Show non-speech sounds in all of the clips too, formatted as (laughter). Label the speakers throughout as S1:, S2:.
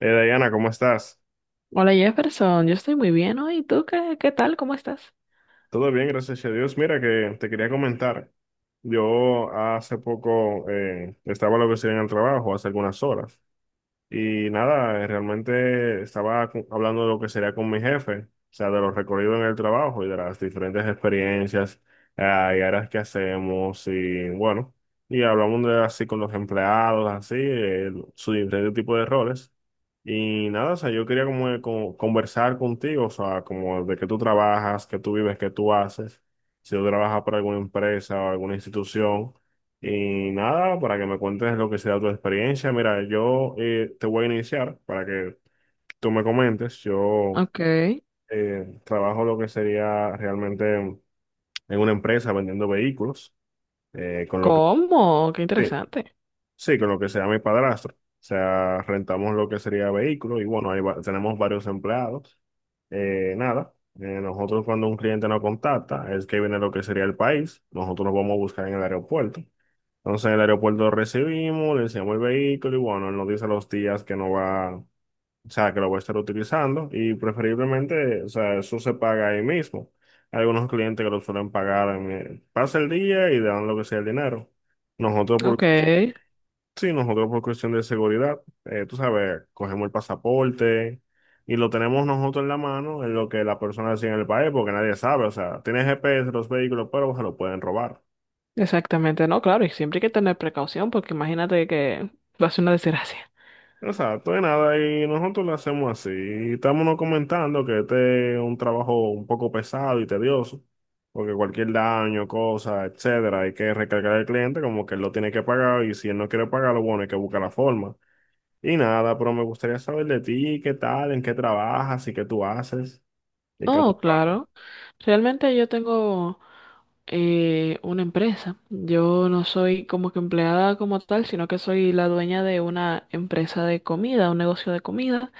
S1: Diana, ¿cómo estás?
S2: Hola Jefferson, yo estoy muy bien hoy. ¿Tú qué tal? ¿Cómo estás?
S1: Todo bien, gracias a Dios. Mira que te quería comentar. Yo hace poco estaba lo que sería en el trabajo, hace algunas horas. Y nada, realmente estaba hablando de lo que sería con mi jefe, o sea, de los recorridos en el trabajo y de las diferentes experiencias y áreas que hacemos y bueno, y hablamos de así con los empleados, así, su diferente tipo de roles. Y nada, o sea, yo quería como, como conversar contigo, o sea, como de qué tú trabajas, qué tú vives, qué tú haces, si tú trabajas para alguna empresa o alguna institución. Y nada, para que me cuentes lo que sea tu experiencia. Mira, yo te voy a iniciar para que tú me comentes. Yo
S2: Ok.
S1: trabajo lo que sería realmente en una empresa vendiendo vehículos, con lo que,
S2: ¿Cómo? Qué
S1: sí,
S2: interesante.
S1: sí, con lo que sea mi padrastro. O sea, rentamos lo que sería vehículos y bueno, tenemos varios empleados. Nada, Nosotros cuando un cliente nos contacta, es que viene lo que sería el país, nosotros nos vamos a buscar en el aeropuerto. Entonces en el aeropuerto lo recibimos, le enseñamos el vehículo y bueno, él nos dice los días que no va, o sea, que lo va a estar utilizando y preferiblemente, o sea, eso se paga ahí mismo. Hay algunos clientes que lo suelen pagar pasa el día y dan lo que sea el dinero. Nosotros por,
S2: Ok.
S1: sí, Nosotros por cuestión de seguridad, tú sabes, cogemos el pasaporte y lo tenemos nosotros en la mano en lo que la persona decía en el país porque nadie sabe, o sea, tiene GPS los vehículos, pero se lo pueden robar.
S2: Exactamente. No, claro, y siempre hay que tener precaución porque imagínate que va a ser una desgracia.
S1: Exacto, de nada, y nosotros lo hacemos así. Estamos no comentando que este es un trabajo un poco pesado y tedioso, porque cualquier daño, cosa, etcétera, hay que recargar al cliente como que él lo tiene que pagar y si él no quiere pagarlo, bueno, hay que buscar la forma. Y nada, pero me gustaría saber de ti, qué tal, en qué trabajas y qué tú haces y cómo
S2: Oh,
S1: trabajas.
S2: claro. Realmente yo tengo una empresa. Yo no soy como que empleada como tal, sino que soy la dueña de una empresa de comida, un negocio de comida.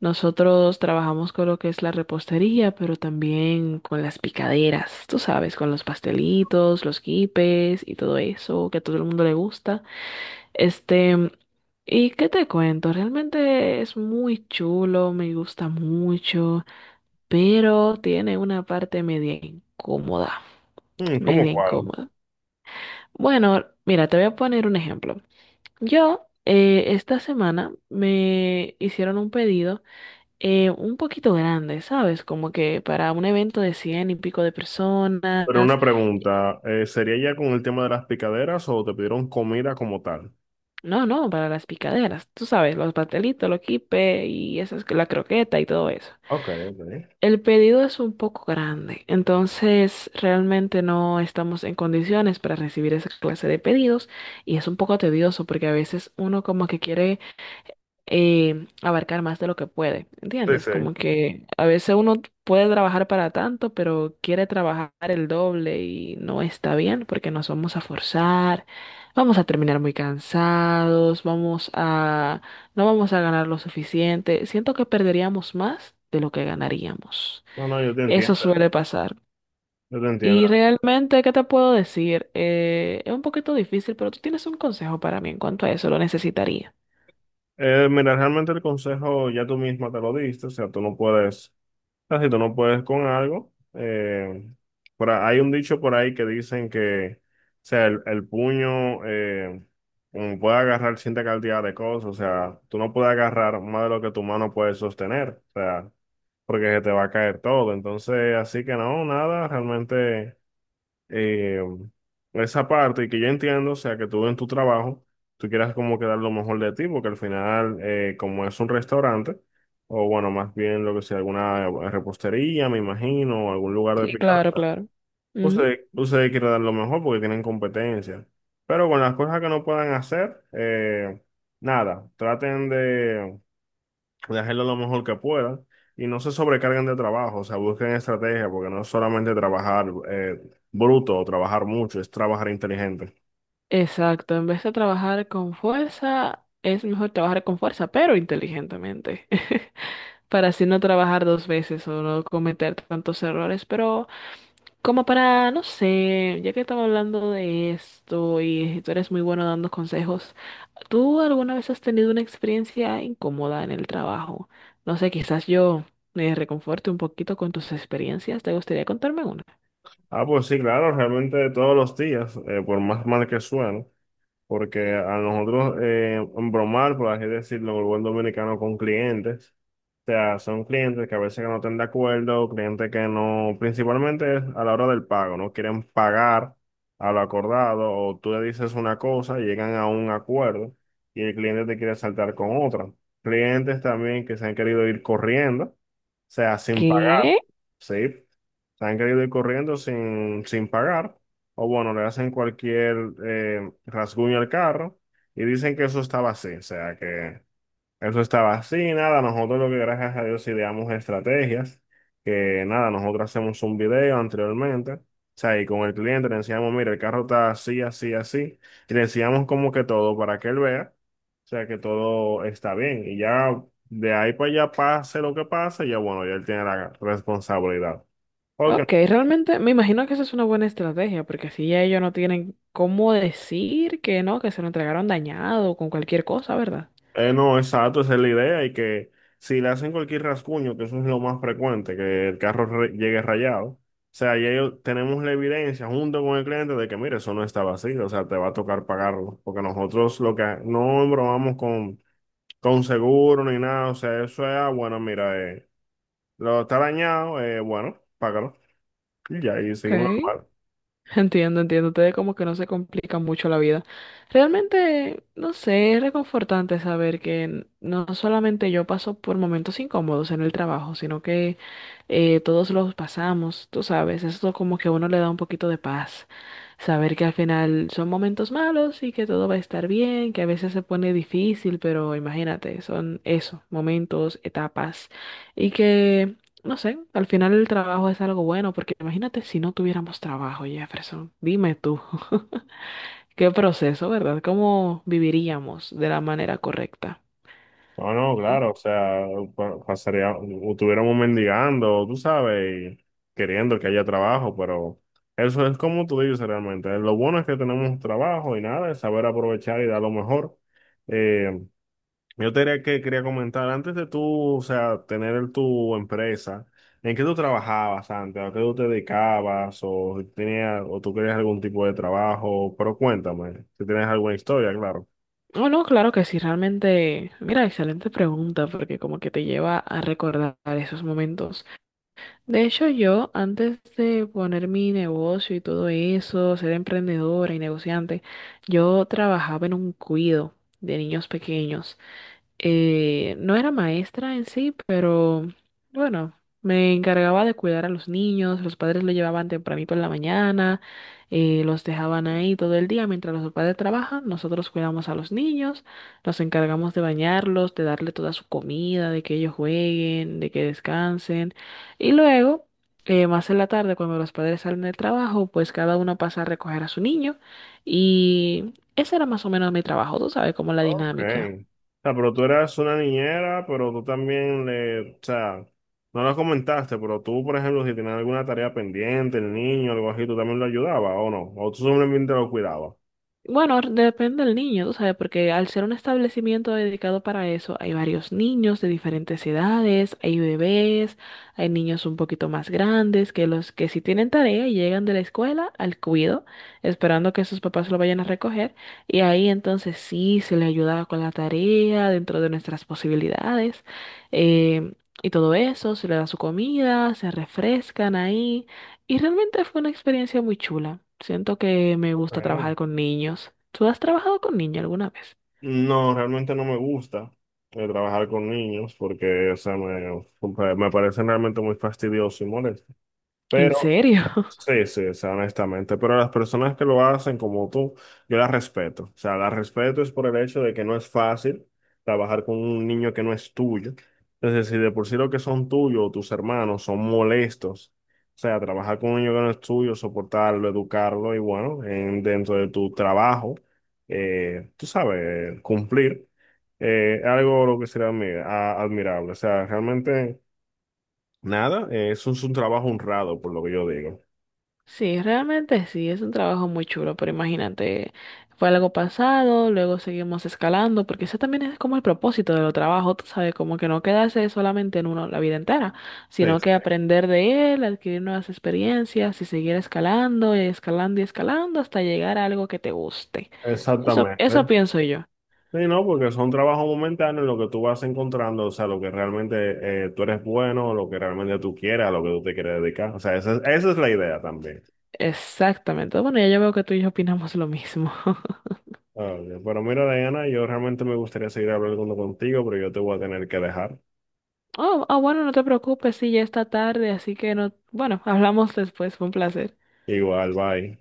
S2: Nosotros trabajamos con lo que es la repostería, pero también con las picaderas, tú sabes, con los pastelitos, los quipes y todo eso que a todo el mundo le gusta. Este, ¿Y qué te cuento? Realmente es muy chulo, me gusta mucho, pero tiene una parte media incómoda,
S1: Mm, ¿cómo
S2: media
S1: cuál?
S2: incómoda. Bueno, mira, te voy a poner un ejemplo. Yo esta semana me hicieron un pedido un poquito grande, ¿sabes? Como que para un evento de cien y pico de personas.
S1: Pero una pregunta, ¿sería ya con el tema de las picaderas o te pidieron comida como tal?
S2: No, no, para las picaderas. Tú sabes, los pastelitos, los quipes y esas, la croqueta y todo eso.
S1: Ok, ok.
S2: El pedido es un poco grande, entonces realmente no estamos en condiciones para recibir esa clase de pedidos y es un poco tedioso porque a veces uno como que quiere abarcar más de lo que puede,
S1: Sí,
S2: ¿entiendes?
S1: sí.
S2: Como que a veces uno puede trabajar para tanto, pero quiere trabajar el doble y no está bien porque nos vamos a forzar, vamos a terminar muy cansados, no vamos a ganar lo suficiente. Siento que perderíamos más de lo que ganaríamos.
S1: No, no, yo te
S2: Eso
S1: entiendo.
S2: suele pasar.
S1: Yo te entiendo.
S2: Y realmente, ¿qué te puedo decir? Es un poquito difícil, pero tú tienes un consejo para mí en cuanto a eso, lo necesitaría.
S1: Mira, realmente el consejo ya tú misma te lo diste, o sea, tú no puedes, o sea, si tú no puedes con algo, hay un dicho por ahí que dicen que, o sea, el puño puede agarrar cierta cantidad de cosas, o sea, tú no puedes agarrar más de lo que tu mano puede sostener, o sea, porque se te va a caer todo, entonces, así que no, nada, realmente eh, esa parte y que yo entiendo, o sea, que tú en tu trabajo, tú quieras como que dar lo mejor de ti, porque al final, como es un restaurante, o bueno, más bien lo que sea, alguna repostería, me imagino, o algún lugar de
S2: Sí,
S1: picada,
S2: claro, claro. Ujú.
S1: ustedes quieren dar lo mejor porque tienen competencia. Pero con las cosas que no puedan hacer, nada, traten de hacerlo lo mejor que puedan y no se sobrecarguen de trabajo, o sea, busquen estrategia, porque no es solamente trabajar bruto o trabajar mucho, es trabajar inteligente.
S2: Exacto, en vez de trabajar con fuerza, es mejor trabajar con fuerza, pero inteligentemente, (laughs) para así no trabajar dos veces o no cometer tantos errores, pero como para, no sé, ya que estamos hablando de esto y tú eres muy bueno dando consejos, ¿tú alguna vez has tenido una experiencia incómoda en el trabajo? No sé, quizás yo me reconforte un poquito con tus experiencias, ¿te gustaría contarme una?
S1: Ah, pues sí, claro, realmente todos los días, por más mal que suene, porque a nosotros embromar, por así decirlo, el buen dominicano con clientes, o sea, son clientes que a veces que no están de acuerdo, clientes que no, principalmente es a la hora del pago, no quieren pagar a lo acordado, o tú le dices una cosa, llegan a un acuerdo y el cliente te quiere saltar con otra. Clientes también que se han querido ir corriendo, o sea, sin pagar,
S2: ¿Qué?
S1: ¿sí? Se han querido ir corriendo sin pagar o bueno, le hacen cualquier rasguño al carro y dicen que eso estaba así, o sea, que eso estaba así, nada, nosotros lo que gracias a Dios ideamos estrategias, que nada, nosotros hacemos un video anteriormente, o sea, y con el cliente le enseñamos, mira, el carro está así, así, así, y le enseñamos como que todo para que él vea, o sea, que todo está bien, y ya de ahí para allá pase lo que pase, ya bueno, ya él tiene la responsabilidad.
S2: Ok,
S1: Porque
S2: realmente me imagino que esa es una buena estrategia, porque así ya ellos no tienen cómo decir que no, que se lo entregaron dañado o con cualquier cosa, ¿verdad?
S1: No, exacto, esa es la idea y que si le hacen cualquier rasguño, que eso es lo más frecuente, que el llegue rayado, o sea, tenemos la evidencia junto con el cliente de que, mire, eso no estaba así, o sea, te va a tocar pagarlo, porque nosotros lo que no bromamos con seguro ni nada, o sea, eso es, ah, bueno, mira, lo está dañado, bueno, págalo, y ya, y
S2: Ok.
S1: seguimos normal.
S2: Entiendo, entiendo. Ustedes como que no se complican mucho la vida. Realmente, no sé, es reconfortante saber que no solamente yo paso por momentos incómodos en el trabajo, sino que todos los pasamos, tú sabes. Eso como que a uno le da un poquito de paz. Saber que al final son momentos malos y que todo va a estar bien, que a veces se pone difícil, pero imagínate, son eso, momentos, etapas. Y que no sé, al final el trabajo es algo bueno, porque imagínate si no tuviéramos trabajo, Jefferson. Dime tú, (laughs) qué proceso, ¿verdad? ¿Cómo viviríamos de la manera correcta?
S1: No, no,
S2: Sí.
S1: claro, o sea, pasaría, o estuviéramos mendigando, tú sabes, y queriendo que haya trabajo, pero eso es como tú dices realmente. Lo bueno es que tenemos trabajo y nada, es saber aprovechar y dar lo mejor. Eh, yo te diría que quería comentar, antes de tú, o sea, tener tu empresa, ¿en qué tú trabajabas antes? ¿A qué tú te dedicabas? ¿O tenías, o tú querías algún tipo de trabajo? Pero cuéntame, si tienes alguna historia, claro.
S2: Oh, no, claro que sí, realmente, mira, excelente pregunta, porque como que te lleva a recordar esos momentos. De hecho, yo, antes de poner mi negocio y todo eso, ser emprendedora y negociante, yo trabajaba en un cuido de niños pequeños. No era maestra en sí, pero bueno, me encargaba de cuidar a los niños, los padres lo llevaban tempranito en la mañana, los dejaban ahí todo el día mientras los padres trabajan, nosotros cuidamos a los niños, nos encargamos de bañarlos, de darle toda su comida, de que ellos jueguen, de que descansen y luego... más en la tarde, cuando los padres salen del trabajo, pues cada uno pasa a recoger a su niño y ese era más o menos mi trabajo, tú sabes, como la
S1: Ok.
S2: dinámica.
S1: O sea, pero tú eras una niñera, pero tú también le, o sea, no lo comentaste, pero tú, por ejemplo, si tenías alguna tarea pendiente, el niño, algo así, tú también lo ayudabas, ¿o no? O tú simplemente lo cuidabas.
S2: Bueno, depende del niño, tú sabes, porque al ser un establecimiento dedicado para eso, hay varios niños de diferentes edades, hay bebés, hay niños un poquito más grandes que los que sí tienen tarea y llegan de la escuela al cuido, esperando que sus papás lo vayan a recoger, y ahí entonces sí se le ayuda con la tarea dentro de nuestras posibilidades, eh, y todo eso, se le da su comida, se refrescan ahí. Y realmente fue una experiencia muy chula. Siento que me gusta
S1: Okay,
S2: trabajar con niños. ¿Tú has trabajado con niños alguna vez?
S1: no, realmente no me gusta trabajar con niños porque, o sea, me parecen realmente muy fastidiosos y molestos.
S2: ¿En
S1: Pero
S2: serio? (laughs)
S1: sí, sí, o sea, honestamente, pero las personas que lo hacen como tú, yo las respeto. O sea, las respeto es por el hecho de que no es fácil trabajar con un niño que no es tuyo. Entonces, si de por sí lo que son tuyos o tus hermanos son molestos, o sea, trabajar con un niño que no es tuyo, soportarlo, educarlo y bueno, dentro de tu trabajo, tú sabes, cumplir, algo lo que será admirable. O sea, realmente... Nada, eso es un trabajo honrado, por lo que yo digo.
S2: Sí, realmente sí, es un trabajo muy chulo, pero imagínate, fue algo pasado, luego seguimos escalando, porque ese también es como el propósito de los trabajos, tú sabes, como que no quedarse solamente en uno la vida entera, sino que
S1: Este,
S2: aprender de él, adquirir nuevas experiencias y seguir escalando y escalando y escalando hasta llegar a algo que te guste. Eso
S1: exactamente.
S2: pienso yo.
S1: Sí, no, porque son trabajos momentáneos lo que tú vas encontrando, o sea, lo que realmente tú eres bueno, lo que realmente tú quieres, a lo que tú te quieres dedicar. O sea, esa es la idea también.
S2: Exactamente. Bueno, ya yo veo que tú y yo opinamos lo mismo. (laughs)
S1: Ah, ok. Pero mira, Diana, yo realmente me gustaría seguir hablando contigo, pero yo te voy a tener que dejar.
S2: Oh, ah, bueno, no te preocupes, sí, ya está tarde, así que no, bueno, hablamos después, fue un placer.
S1: Igual, bye.